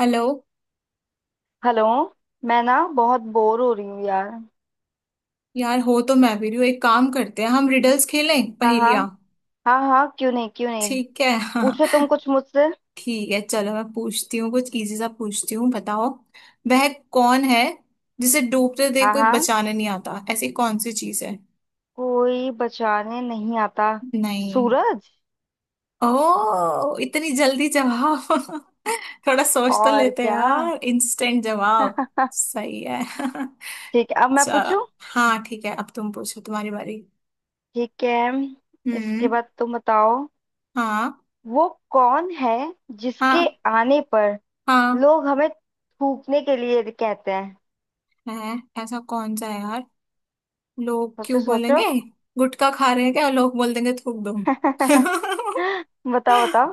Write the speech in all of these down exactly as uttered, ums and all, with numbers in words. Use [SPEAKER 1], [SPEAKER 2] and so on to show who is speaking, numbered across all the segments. [SPEAKER 1] Hello.
[SPEAKER 2] Hello. मैं ना बहुत बोर हो रही हूँ यार।
[SPEAKER 1] यार हो तो मैं भी रही हूँ। एक काम करते हैं, हम रिडल्स खेलें,
[SPEAKER 2] हाँ हाँ।
[SPEAKER 1] पहेलियाँ।
[SPEAKER 2] हाँ हाँ, क्यों नहीं क्यों नहीं।
[SPEAKER 1] ठीक है हाँ।
[SPEAKER 2] पूछो तुम कुछ मुझसे।
[SPEAKER 1] ठीक है चलो, मैं पूछती हूँ, कुछ इजी सा पूछती हूँ, बताओ। वह कौन है जिसे डूबते देख
[SPEAKER 2] हाँ
[SPEAKER 1] कोई
[SPEAKER 2] हाँ।
[SPEAKER 1] बचाने नहीं आता? ऐसी कौन सी चीज है?
[SPEAKER 2] कोई बचाने नहीं आता।
[SPEAKER 1] नहीं।
[SPEAKER 2] सूरज।
[SPEAKER 1] ओ, इतनी जल्दी जवाब! थोड़ा सोच तो
[SPEAKER 2] और
[SPEAKER 1] लेते
[SPEAKER 2] क्या।
[SPEAKER 1] यार, इंस्टेंट जवाब। सही है।
[SPEAKER 2] ठीक है, अब मैं
[SPEAKER 1] चलो।
[SPEAKER 2] पूछूं।
[SPEAKER 1] हाँ ठीक है, अब तुम पूछो, तुम्हारी बारी।
[SPEAKER 2] ठीक है,
[SPEAKER 1] हम्म।
[SPEAKER 2] इसके बाद तुम बताओ।
[SPEAKER 1] हाँ
[SPEAKER 2] वो कौन है जिसके
[SPEAKER 1] हाँ
[SPEAKER 2] आने पर
[SPEAKER 1] हाँ
[SPEAKER 2] लोग हमें थूकने के लिए कहते हैं।
[SPEAKER 1] है। ऐसा कौन सा है यार? लोग
[SPEAKER 2] सोचो
[SPEAKER 1] क्यों
[SPEAKER 2] सोचो।
[SPEAKER 1] बोलेंगे? गुटखा खा रहे हैं क्या लोग? बोल देंगे थूक दो।
[SPEAKER 2] बताओ बताओ।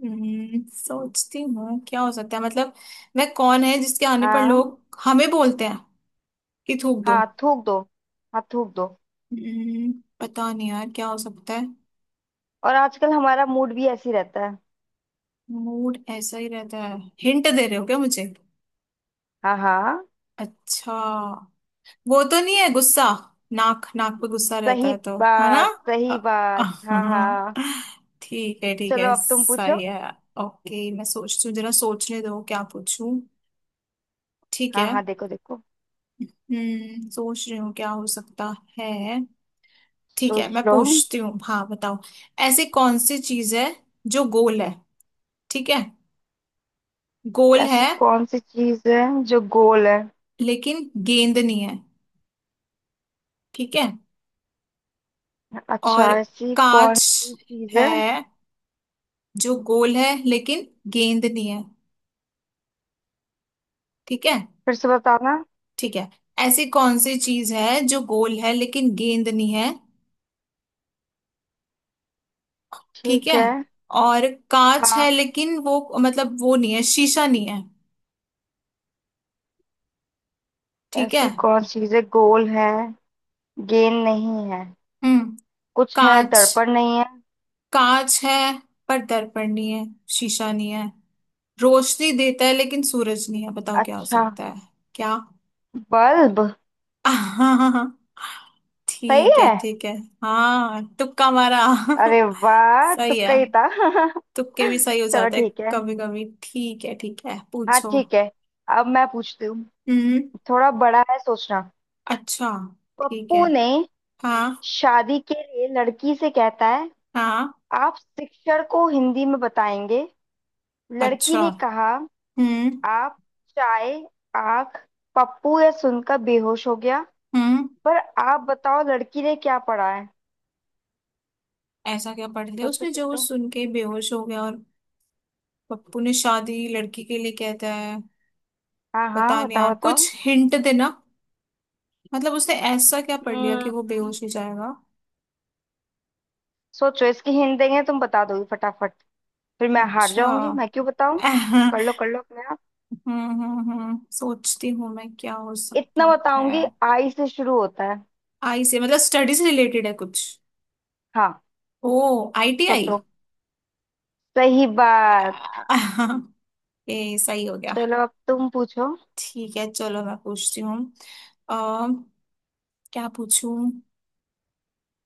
[SPEAKER 1] हम्म, सोचती हूँ क्या हो सकता है, मतलब वह कौन है जिसके आने पर
[SPEAKER 2] हाँ
[SPEAKER 1] लोग हमें बोलते हैं कि थूक दो।
[SPEAKER 2] हाँ थूक दो। हाँ थूक दो।
[SPEAKER 1] हम्म, पता नहीं यार क्या हो सकता है।
[SPEAKER 2] और आजकल हमारा मूड भी ऐसे ही रहता है।
[SPEAKER 1] मूड ऐसा ही रहता है। हिंट दे रहे हो क्या मुझे?
[SPEAKER 2] हाँ हाँ।
[SPEAKER 1] अच्छा। वो तो नहीं है गुस्सा? नाक, नाक पे गुस्सा रहता
[SPEAKER 2] सही
[SPEAKER 1] है तो है ना।
[SPEAKER 2] बात, सही
[SPEAKER 1] अ-
[SPEAKER 2] बात। हाँ हाँ।
[SPEAKER 1] ठीक है ठीक
[SPEAKER 2] चलो
[SPEAKER 1] है,
[SPEAKER 2] अब तुम पूछो।
[SPEAKER 1] सही है। ओके, मैं सोचती हूँ, जरा सोचने दो क्या पूछूं। ठीक
[SPEAKER 2] हाँ
[SPEAKER 1] है।
[SPEAKER 2] हाँ, देखो देखो।
[SPEAKER 1] हम्म सोच रही हूँ क्या हो सकता है। ठीक है
[SPEAKER 2] सोच
[SPEAKER 1] मैं
[SPEAKER 2] लो।
[SPEAKER 1] पूछती हूँ, हाँ बताओ। ऐसी कौन सी चीज है जो गोल है? ठीक है। गोल है
[SPEAKER 2] ऐसी कौन सी चीज है जो गोल है।
[SPEAKER 1] लेकिन गेंद नहीं है। ठीक है।
[SPEAKER 2] अच्छा,
[SPEAKER 1] और
[SPEAKER 2] ऐसी कौन
[SPEAKER 1] कांच
[SPEAKER 2] सी चीज है।
[SPEAKER 1] है जो गोल है लेकिन गेंद नहीं है। ठीक है।
[SPEAKER 2] फिर से बताना।
[SPEAKER 1] ठीक है, ऐसी कौन सी चीज है जो गोल है लेकिन गेंद नहीं है? ठीक
[SPEAKER 2] ठीक
[SPEAKER 1] है,
[SPEAKER 2] है।
[SPEAKER 1] और कांच है
[SPEAKER 2] हाँ,
[SPEAKER 1] लेकिन वो मतलब वो नहीं है, शीशा नहीं है। ठीक है।
[SPEAKER 2] ऐसी कौन सी चीज है, गोल है, गेंद नहीं है,
[SPEAKER 1] हम्म।
[SPEAKER 2] कुछ है,
[SPEAKER 1] कांच,
[SPEAKER 2] दर्पण नहीं है।
[SPEAKER 1] कांच है पर दर्पण नहीं है, शीशा नहीं है, रोशनी देता है लेकिन सूरज नहीं है। बताओ क्या हो
[SPEAKER 2] अच्छा।
[SPEAKER 1] सकता है? क्या?
[SPEAKER 2] बल्ब।
[SPEAKER 1] हाँ हाँ हाँ,
[SPEAKER 2] सही
[SPEAKER 1] ठीक है
[SPEAKER 2] है।
[SPEAKER 1] ठीक है। हाँ, तुक्का मारा।
[SPEAKER 2] अरे वाह,
[SPEAKER 1] सही
[SPEAKER 2] तुक्का
[SPEAKER 1] है।
[SPEAKER 2] ही था।
[SPEAKER 1] तुक्के भी सही हो
[SPEAKER 2] चलो
[SPEAKER 1] जाते हैं
[SPEAKER 2] ठीक है।
[SPEAKER 1] कभी कभी। ठीक है ठीक है,
[SPEAKER 2] हाँ
[SPEAKER 1] पूछो।
[SPEAKER 2] ठीक है, अब मैं पूछती हूँ।
[SPEAKER 1] हम्म।
[SPEAKER 2] थोड़ा बड़ा है सोचना।
[SPEAKER 1] अच्छा। ठीक है।
[SPEAKER 2] पप्पू ने
[SPEAKER 1] हाँ।
[SPEAKER 2] शादी के लिए लड़की से कहता है,
[SPEAKER 1] हाँ,
[SPEAKER 2] आप शिक्षक को हिंदी में बताएंगे। लड़की
[SPEAKER 1] अच्छा।
[SPEAKER 2] ने कहा,
[SPEAKER 1] हम्म।
[SPEAKER 2] आप चाय आंख। पप्पू यह सुनकर बेहोश हो गया।
[SPEAKER 1] हम्म।
[SPEAKER 2] पर आप बताओ लड़की ने क्या पढ़ा है।
[SPEAKER 1] ऐसा क्या पढ़ लिया
[SPEAKER 2] सोचो
[SPEAKER 1] उसने जो वो
[SPEAKER 2] सोचो।
[SPEAKER 1] सुन के बेहोश हो गया? और पप्पू ने शादी लड़की के लिए कहता है।
[SPEAKER 2] हाँ हाँ,
[SPEAKER 1] पता नहीं
[SPEAKER 2] बताओ
[SPEAKER 1] यार,
[SPEAKER 2] बताओ।
[SPEAKER 1] कुछ हिंट देना। मतलब उसने ऐसा क्या पढ़ लिया
[SPEAKER 2] हम्म
[SPEAKER 1] कि वो बेहोश हो जाएगा?
[SPEAKER 2] सोचो, इसकी हिंट देंगे तुम बता दोगे फटाफट। फिर मैं हार
[SPEAKER 1] अच्छा।
[SPEAKER 2] जाऊंगी, मैं क्यों बताऊं। कर लो कर लो अपने आप।
[SPEAKER 1] हम्म हम्म हम्म सोचती हूँ मैं क्या हो
[SPEAKER 2] इतना
[SPEAKER 1] सकता है।
[SPEAKER 2] बताऊंगी, आई से शुरू होता है।
[SPEAKER 1] आई से, मतलब स्टडी से रिलेटेड है कुछ?
[SPEAKER 2] हाँ।
[SPEAKER 1] ओ, आई टी आई।
[SPEAKER 2] सोचो। सही बात।
[SPEAKER 1] ए, सही हो गया।
[SPEAKER 2] चलो अब तुम पूछो।
[SPEAKER 1] ठीक है चलो, मैं पूछती हूँ। अः क्या पूछूं।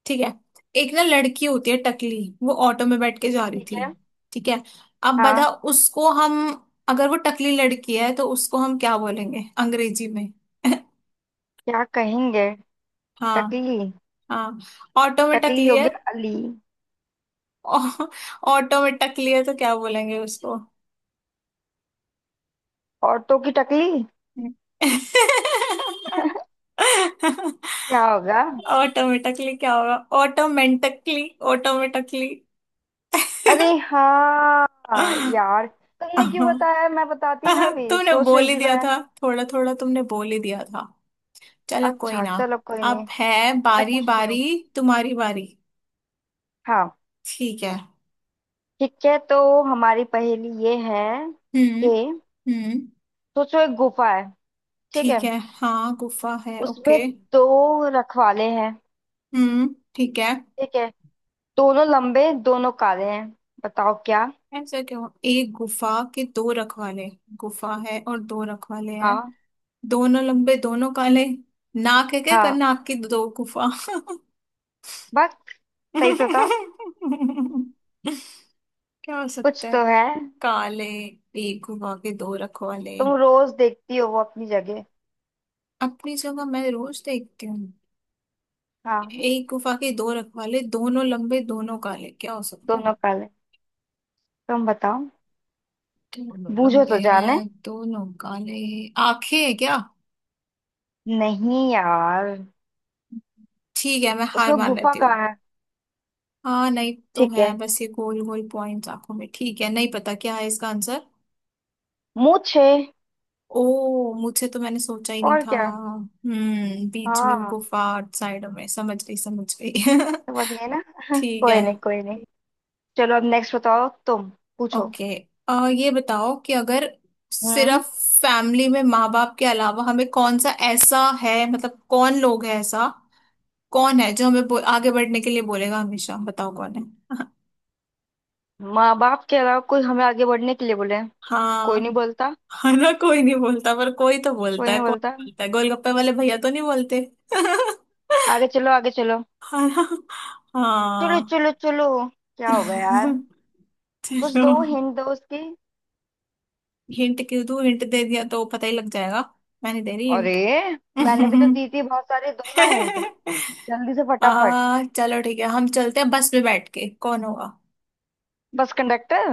[SPEAKER 1] ठीक है। एक ना लड़की होती है टकली, वो ऑटो में बैठ के जा रही
[SPEAKER 2] ठीक
[SPEAKER 1] थी।
[SPEAKER 2] है।
[SPEAKER 1] ठीक है। अब बता
[SPEAKER 2] हाँ,
[SPEAKER 1] उसको हम, अगर वो टकली लड़की है तो उसको हम क्या बोलेंगे अंग्रेजी में?
[SPEAKER 2] क्या कहेंगे।
[SPEAKER 1] हाँ।
[SPEAKER 2] टकली।
[SPEAKER 1] हाँ, ऑटो में
[SPEAKER 2] टकली
[SPEAKER 1] टकली
[SPEAKER 2] हो
[SPEAKER 1] है।
[SPEAKER 2] गया अली।
[SPEAKER 1] ऑ- ऑटो में टकली है तो क्या बोलेंगे उसको?
[SPEAKER 2] औरतों की टकली। क्या होगा।
[SPEAKER 1] ऑटो में टकली, क्या होगा? ऑटोमेटिकली। ऑटोमेटिकली।
[SPEAKER 2] अरे हाँ यार, तुमने क्यों बताया, मैं बताती ना, अभी
[SPEAKER 1] तुमने
[SPEAKER 2] सोच
[SPEAKER 1] बोल
[SPEAKER 2] रही
[SPEAKER 1] ही
[SPEAKER 2] थी
[SPEAKER 1] दिया
[SPEAKER 2] मैं।
[SPEAKER 1] था थोड़ा थोड़ा, तुमने बोल ही दिया था। चलो कोई
[SPEAKER 2] अच्छा
[SPEAKER 1] ना।
[SPEAKER 2] चलो कोई
[SPEAKER 1] अब
[SPEAKER 2] नहीं।
[SPEAKER 1] है
[SPEAKER 2] मैं
[SPEAKER 1] बारी
[SPEAKER 2] पूछती हूँ।
[SPEAKER 1] बारी, तुम्हारी बारी।
[SPEAKER 2] हाँ।
[SPEAKER 1] ठीक है।
[SPEAKER 2] ठीक है, तो हमारी पहेली ये है
[SPEAKER 1] हम्म।
[SPEAKER 2] कि
[SPEAKER 1] हम्म।
[SPEAKER 2] सोचो, एक गुफा है। ठीक है।
[SPEAKER 1] ठीक है हाँ, गुफा है
[SPEAKER 2] उसमें
[SPEAKER 1] ओके।
[SPEAKER 2] दो रखवाले हैं।
[SPEAKER 1] हम्म ठीक है।
[SPEAKER 2] ठीक है। दोनों लंबे दोनों काले हैं। बताओ क्या।
[SPEAKER 1] ऐसा क्यों? एक गुफा के दो रखवाले, गुफा है और दो रखवाले हैं,
[SPEAKER 2] हाँ।
[SPEAKER 1] दोनों लंबे दोनों काले। नाक है क्या? कर
[SPEAKER 2] हाँ,
[SPEAKER 1] नाक की दो गुफा।
[SPEAKER 2] बस। सही से बता।
[SPEAKER 1] क्या हो
[SPEAKER 2] कुछ
[SPEAKER 1] सकता है?
[SPEAKER 2] तो है।
[SPEAKER 1] काले। एक गुफा के दो रखवाले।
[SPEAKER 2] तुम रोज देखती हो वो अपनी जगह।
[SPEAKER 1] अपनी जगह मैं रोज देखती हूँ।
[SPEAKER 2] हाँ।
[SPEAKER 1] एक गुफा के दो रखवाले दोनों लंबे दोनों काले, क्या हो सकता है?
[SPEAKER 2] दोनों काले, तुम बताओ।
[SPEAKER 1] दोनों
[SPEAKER 2] बूझो
[SPEAKER 1] लंबे
[SPEAKER 2] तो जाने।
[SPEAKER 1] हैं दोनों काले। आंखें हैं क्या?
[SPEAKER 2] नहीं यार।
[SPEAKER 1] ठीक है, मैं हार
[SPEAKER 2] उसमें
[SPEAKER 1] मान
[SPEAKER 2] गुफा
[SPEAKER 1] लेती हूँ।
[SPEAKER 2] कहाँ है।
[SPEAKER 1] हाँ नहीं, तो
[SPEAKER 2] ठीक
[SPEAKER 1] है
[SPEAKER 2] है,
[SPEAKER 1] बस ये गोल गोल पॉइंट्स आंखों में। ठीक है, नहीं पता क्या है इसका आंसर।
[SPEAKER 2] मूछे।
[SPEAKER 1] ओ, मुझे तो मैंने सोचा ही नहीं
[SPEAKER 2] और
[SPEAKER 1] था।
[SPEAKER 2] क्या।
[SPEAKER 1] हम्म बीच में वो
[SPEAKER 2] हाँ।
[SPEAKER 1] गुफा, साइड में, समझ गई समझ गई।
[SPEAKER 2] समझ गए ना।
[SPEAKER 1] ठीक
[SPEAKER 2] कोई
[SPEAKER 1] है।
[SPEAKER 2] नहीं कोई नहीं। चलो अब नेक्स्ट बताओ तुम। पूछो।
[SPEAKER 1] ओके। आ, ये बताओ कि अगर,
[SPEAKER 2] हम्म
[SPEAKER 1] सिर्फ फैमिली में माँ बाप के अलावा हमें कौन सा ऐसा है, मतलब कौन लोग है, ऐसा कौन है जो हमें बो, आगे बढ़ने के लिए बोलेगा हमेशा? बताओ कौन है।
[SPEAKER 2] माँ बाप के अलावा कोई हमें आगे बढ़ने के लिए बोले। कोई
[SPEAKER 1] हाँ।
[SPEAKER 2] नहीं बोलता।
[SPEAKER 1] हाँ ना, कोई नहीं बोलता पर कोई तो
[SPEAKER 2] कोई
[SPEAKER 1] बोलता है,
[SPEAKER 2] नहीं
[SPEAKER 1] कौन
[SPEAKER 2] बोलता।
[SPEAKER 1] बोलता है? गोलगप्पे वाले भैया तो नहीं बोलते।
[SPEAKER 2] आगे चलो, आगे चलो।
[SPEAKER 1] हाँ ना। हाँ।
[SPEAKER 2] चलो चलो चलो। क्या होगा यार। कुछ
[SPEAKER 1] चलो।
[SPEAKER 2] दो, हिंट दो उसकी।
[SPEAKER 1] हिंट क्यों दूँ? हिंट दे दिया तो पता ही लग जाएगा। मैं नहीं दे रही
[SPEAKER 2] अरे,
[SPEAKER 1] हिंट।
[SPEAKER 2] मैंने भी तो दी थी बहुत सारे, दो ना हिंट। जल्दी से
[SPEAKER 1] आ,
[SPEAKER 2] फटाफट।
[SPEAKER 1] चलो ठीक है, हम चलते हैं बस में बैठ के, कौन होगा?
[SPEAKER 2] Bus conductor.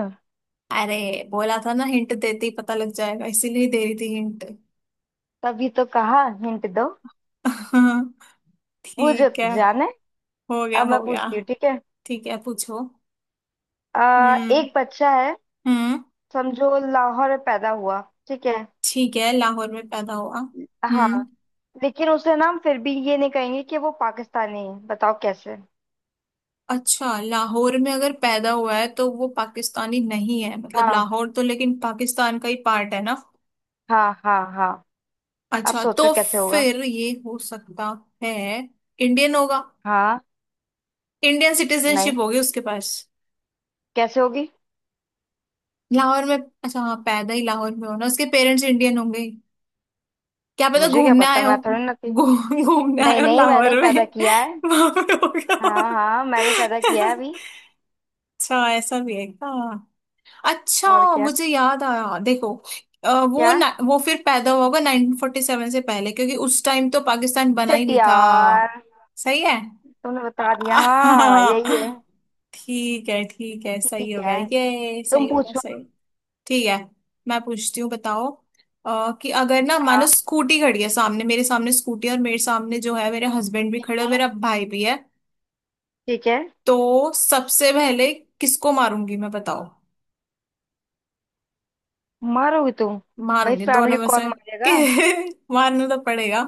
[SPEAKER 1] अरे, बोला था ना हिंट देते ही पता लग जाएगा, इसीलिए दे रही थी हिंट।
[SPEAKER 2] तभी तो कहा हिंट दो। वो जो
[SPEAKER 1] ठीक
[SPEAKER 2] तू
[SPEAKER 1] है,
[SPEAKER 2] जाने।
[SPEAKER 1] हो गया
[SPEAKER 2] अब मैं
[SPEAKER 1] हो गया।
[SPEAKER 2] पूछती हूँ, ठीक है।
[SPEAKER 1] ठीक है पूछो।
[SPEAKER 2] आ,
[SPEAKER 1] हम्म।
[SPEAKER 2] एक बच्चा है,
[SPEAKER 1] हम्म।
[SPEAKER 2] समझो लाहौर में पैदा हुआ। ठीक है।
[SPEAKER 1] ठीक है, लाहौर में पैदा हुआ, हम्म।
[SPEAKER 2] हाँ, लेकिन उसे ना हम फिर भी ये नहीं कहेंगे कि वो पाकिस्तानी है। बताओ कैसे।
[SPEAKER 1] अच्छा, लाहौर में अगर पैदा हुआ है तो वो पाकिस्तानी नहीं है, मतलब
[SPEAKER 2] हाँ
[SPEAKER 1] लाहौर तो लेकिन पाकिस्तान का ही पार्ट है ना।
[SPEAKER 2] हाँ हाँ। हाँ, अब
[SPEAKER 1] अच्छा,
[SPEAKER 2] सोचो
[SPEAKER 1] तो
[SPEAKER 2] कैसे होगा।
[SPEAKER 1] फिर ये हो सकता है, इंडियन होगा,
[SPEAKER 2] हाँ।
[SPEAKER 1] इंडियन सिटीजनशिप
[SPEAKER 2] नहीं,
[SPEAKER 1] होगी उसके पास।
[SPEAKER 2] कैसे होगी।
[SPEAKER 1] लाहौर में, अच्छा हाँ, पैदा ही लाहौर में हो ना, उसके पेरेंट्स इंडियन होंगे, क्या पता
[SPEAKER 2] मुझे क्या
[SPEAKER 1] घूमने आए
[SPEAKER 2] पता,
[SPEAKER 1] हो।
[SPEAKER 2] मैं थोड़ी ना थी।
[SPEAKER 1] घू- घूमने आए
[SPEAKER 2] नहीं
[SPEAKER 1] हो
[SPEAKER 2] नहीं, मैंने ही
[SPEAKER 1] लाहौर में,
[SPEAKER 2] पैदा किया है।
[SPEAKER 1] वहां पे हो गया
[SPEAKER 2] हाँ
[SPEAKER 1] हो।
[SPEAKER 2] हाँ, मैंने पैदा किया है अभी।
[SPEAKER 1] अच्छा, ऐसा भी है हाँ। अच्छा,
[SPEAKER 2] और क्या।
[SPEAKER 1] मुझे याद आया देखो, अ, वो
[SPEAKER 2] क्या।
[SPEAKER 1] ना, वो फिर पैदा हुआ होगा नाइनटीन फोर्टी सेवन से पहले, क्योंकि उस टाइम तो पाकिस्तान बना ही
[SPEAKER 2] शिट
[SPEAKER 1] नहीं था।
[SPEAKER 2] यार,
[SPEAKER 1] सही है।
[SPEAKER 2] तुमने बता दिया। हाँ
[SPEAKER 1] हाँ,
[SPEAKER 2] यही है।
[SPEAKER 1] ठीक है ठीक है, सही
[SPEAKER 2] ठीक
[SPEAKER 1] हो गया,
[SPEAKER 2] है,
[SPEAKER 1] ये
[SPEAKER 2] तुम
[SPEAKER 1] सही हो गया,
[SPEAKER 2] पूछो।
[SPEAKER 1] सही। ठीक है मैं पूछती हूँ, बताओ। अ, कि अगर ना, मानो
[SPEAKER 2] हाँ
[SPEAKER 1] स्कूटी खड़ी है सामने, मेरे सामने स्कूटी, और मेरे सामने जो है मेरे हस्बैंड भी खड़े और मेरा भाई भी है,
[SPEAKER 2] ठीक है।
[SPEAKER 1] तो सबसे पहले किसको मारूंगी मैं, बताओ।
[SPEAKER 2] मारोगी तुम। भाई
[SPEAKER 1] मारूंगी दोनों
[SPEAKER 2] फैमिली
[SPEAKER 1] में
[SPEAKER 2] कौन
[SPEAKER 1] से। कि-
[SPEAKER 2] मारेगा।
[SPEAKER 1] मारना तो पड़ेगा।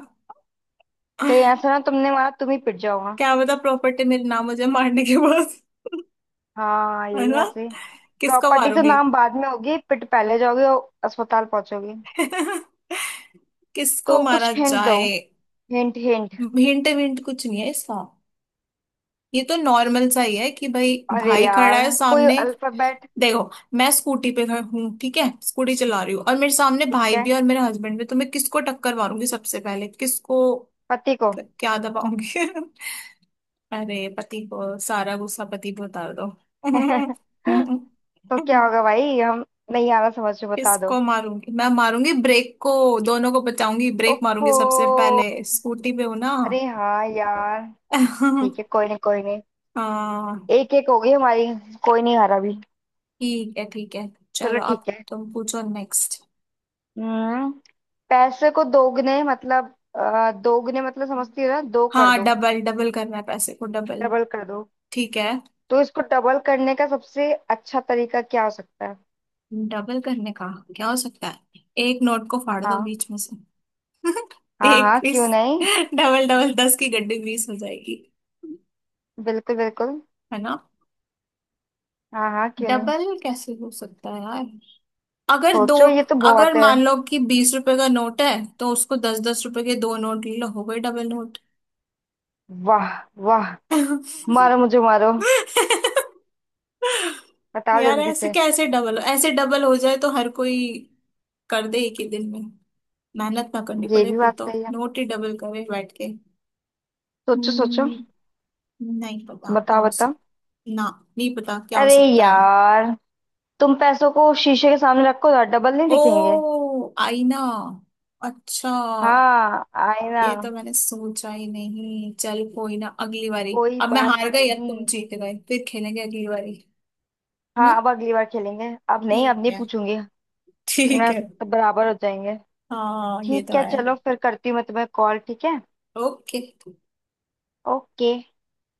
[SPEAKER 2] कहीं ऐसा ना तुमने मारा, तुम ही पिट जाओगा।
[SPEAKER 1] क्या पता प्रॉपर्टी मेरे नाम हो जाए मारने के बाद।
[SPEAKER 2] हाँ
[SPEAKER 1] है
[SPEAKER 2] यही
[SPEAKER 1] ना,
[SPEAKER 2] बात सही।
[SPEAKER 1] किसको
[SPEAKER 2] प्रॉपर्टी तो
[SPEAKER 1] मारूंगी।
[SPEAKER 2] नाम बाद में होगी, पिट पहले जाओगे और अस्पताल पहुंचोगे।
[SPEAKER 1] किसको
[SPEAKER 2] तो
[SPEAKER 1] मारा
[SPEAKER 2] कुछ हिंट दो।
[SPEAKER 1] जाए।
[SPEAKER 2] Hint hint.
[SPEAKER 1] हिंट हिंट कुछ नहीं है इसका, ये तो नॉर्मल सा ही है कि भाई,
[SPEAKER 2] अरे
[SPEAKER 1] भाई खड़ा
[SPEAKER 2] यार।
[SPEAKER 1] है
[SPEAKER 2] कोई
[SPEAKER 1] सामने।
[SPEAKER 2] अल्फाबेट।
[SPEAKER 1] देखो, मैं स्कूटी पे गई हूँ, ठीक है, स्कूटी चला रही हूँ, और मेरे सामने
[SPEAKER 2] ठीक
[SPEAKER 1] भाई
[SPEAKER 2] है,
[SPEAKER 1] भी और मेरे हस्बैंड भी, तो मैं किसको टक्कर मारूंगी सबसे पहले, किसको?
[SPEAKER 2] पति को।
[SPEAKER 1] क्या दबाऊंगी? अरे, पति को सारा गुस्सा पति पे उतार दो।
[SPEAKER 2] तो क्या होगा भाई हम। नहीं आ रहा समझ में, बता दो।
[SPEAKER 1] किसको मारूंगी? मैं मारूंगी ब्रेक को, दोनों को बचाऊंगी, ब्रेक मारूंगी
[SPEAKER 2] ओफो।
[SPEAKER 1] सबसे पहले, स्कूटी पे हूं ना।
[SPEAKER 2] अरे हाँ यार। ठीक है, कोई नहीं कोई नहीं।
[SPEAKER 1] हाँ,
[SPEAKER 2] एक एक हो गई हमारी। कोई नहीं हारा अभी।
[SPEAKER 1] ठीक है ठीक है।
[SPEAKER 2] चलो
[SPEAKER 1] चलो अब
[SPEAKER 2] ठीक है।
[SPEAKER 1] तुम पूछो नेक्स्ट।
[SPEAKER 2] हम्म पैसे को दोगुने मतलब अ, दोगुने मतलब समझती हो ना, दो कर
[SPEAKER 1] हाँ
[SPEAKER 2] दो।
[SPEAKER 1] डबल, डबल करना है पैसे को, डबल।
[SPEAKER 2] डबल कर दो।
[SPEAKER 1] ठीक है।
[SPEAKER 2] तो इसको डबल करने का सबसे अच्छा तरीका क्या हो सकता है।
[SPEAKER 1] डबल करने का क्या हो सकता है, एक नोट को फाड़ दो
[SPEAKER 2] हाँ
[SPEAKER 1] बीच में से।
[SPEAKER 2] हाँ।
[SPEAKER 1] एक
[SPEAKER 2] हाँ, क्यों
[SPEAKER 1] बीस।
[SPEAKER 2] नहीं।
[SPEAKER 1] डबल, डबल, दस की गड्डी बीस हो जाएगी।
[SPEAKER 2] बिल्कुल बिल्कुल।
[SPEAKER 1] है ना?
[SPEAKER 2] हाँ हाँ क्यों नहीं।
[SPEAKER 1] डबल कैसे हो सकता है यार, अगर दो,
[SPEAKER 2] सोचो, ये तो
[SPEAKER 1] अगर
[SPEAKER 2] बहुत है।
[SPEAKER 1] मान लो कि बीस रुपए का नोट है तो उसको दस दस रुपए के दो नोट ले लो, हो गए डबल नोट।
[SPEAKER 2] वाह वाह। मारो मुझे, मारो। बताओ
[SPEAKER 1] यार
[SPEAKER 2] जल्दी
[SPEAKER 1] ऐसे
[SPEAKER 2] से।
[SPEAKER 1] कैसे डबल, ऐसे डबल हो जाए तो हर कोई कर दे एक ही दिन में, मेहनत ना करनी
[SPEAKER 2] ये
[SPEAKER 1] पड़े
[SPEAKER 2] भी
[SPEAKER 1] फिर,
[SPEAKER 2] बात
[SPEAKER 1] तो
[SPEAKER 2] सही है।
[SPEAKER 1] नोट ही डबल करे बैठ के।
[SPEAKER 2] सोचो सोचो।
[SPEAKER 1] Hmm, नहीं पता क्या
[SPEAKER 2] बताओ
[SPEAKER 1] हो
[SPEAKER 2] बताओ।
[SPEAKER 1] सकता ना, नहीं पता क्या हो
[SPEAKER 2] अरे
[SPEAKER 1] सकता है।
[SPEAKER 2] यार, तुम पैसों को शीशे के सामने रखो, डबल नहीं
[SPEAKER 1] ओ,
[SPEAKER 2] दिखेंगे।
[SPEAKER 1] आईना! अच्छा,
[SPEAKER 2] हाँ आईना।
[SPEAKER 1] ये तो मैंने सोचा ही नहीं। चल कोई ना, अगली बारी।
[SPEAKER 2] कोई
[SPEAKER 1] अब मैं
[SPEAKER 2] बात
[SPEAKER 1] हार गई, अब तुम
[SPEAKER 2] नहीं।
[SPEAKER 1] जीत गए, फिर खेलेंगे अगली बारी, है
[SPEAKER 2] हाँ,
[SPEAKER 1] ना।
[SPEAKER 2] अब अगली बार खेलेंगे। अब नहीं, अब
[SPEAKER 1] ठीक
[SPEAKER 2] नहीं
[SPEAKER 1] है
[SPEAKER 2] पूछूंगी।
[SPEAKER 1] ठीक
[SPEAKER 2] वरना
[SPEAKER 1] है।
[SPEAKER 2] सब बराबर हो जाएंगे।
[SPEAKER 1] हाँ ये तो
[SPEAKER 2] ठीक है,
[SPEAKER 1] है।
[SPEAKER 2] चलो फिर करती हूँ मैं तुम्हें कॉल। ठीक है।
[SPEAKER 1] ओके।
[SPEAKER 2] ओके।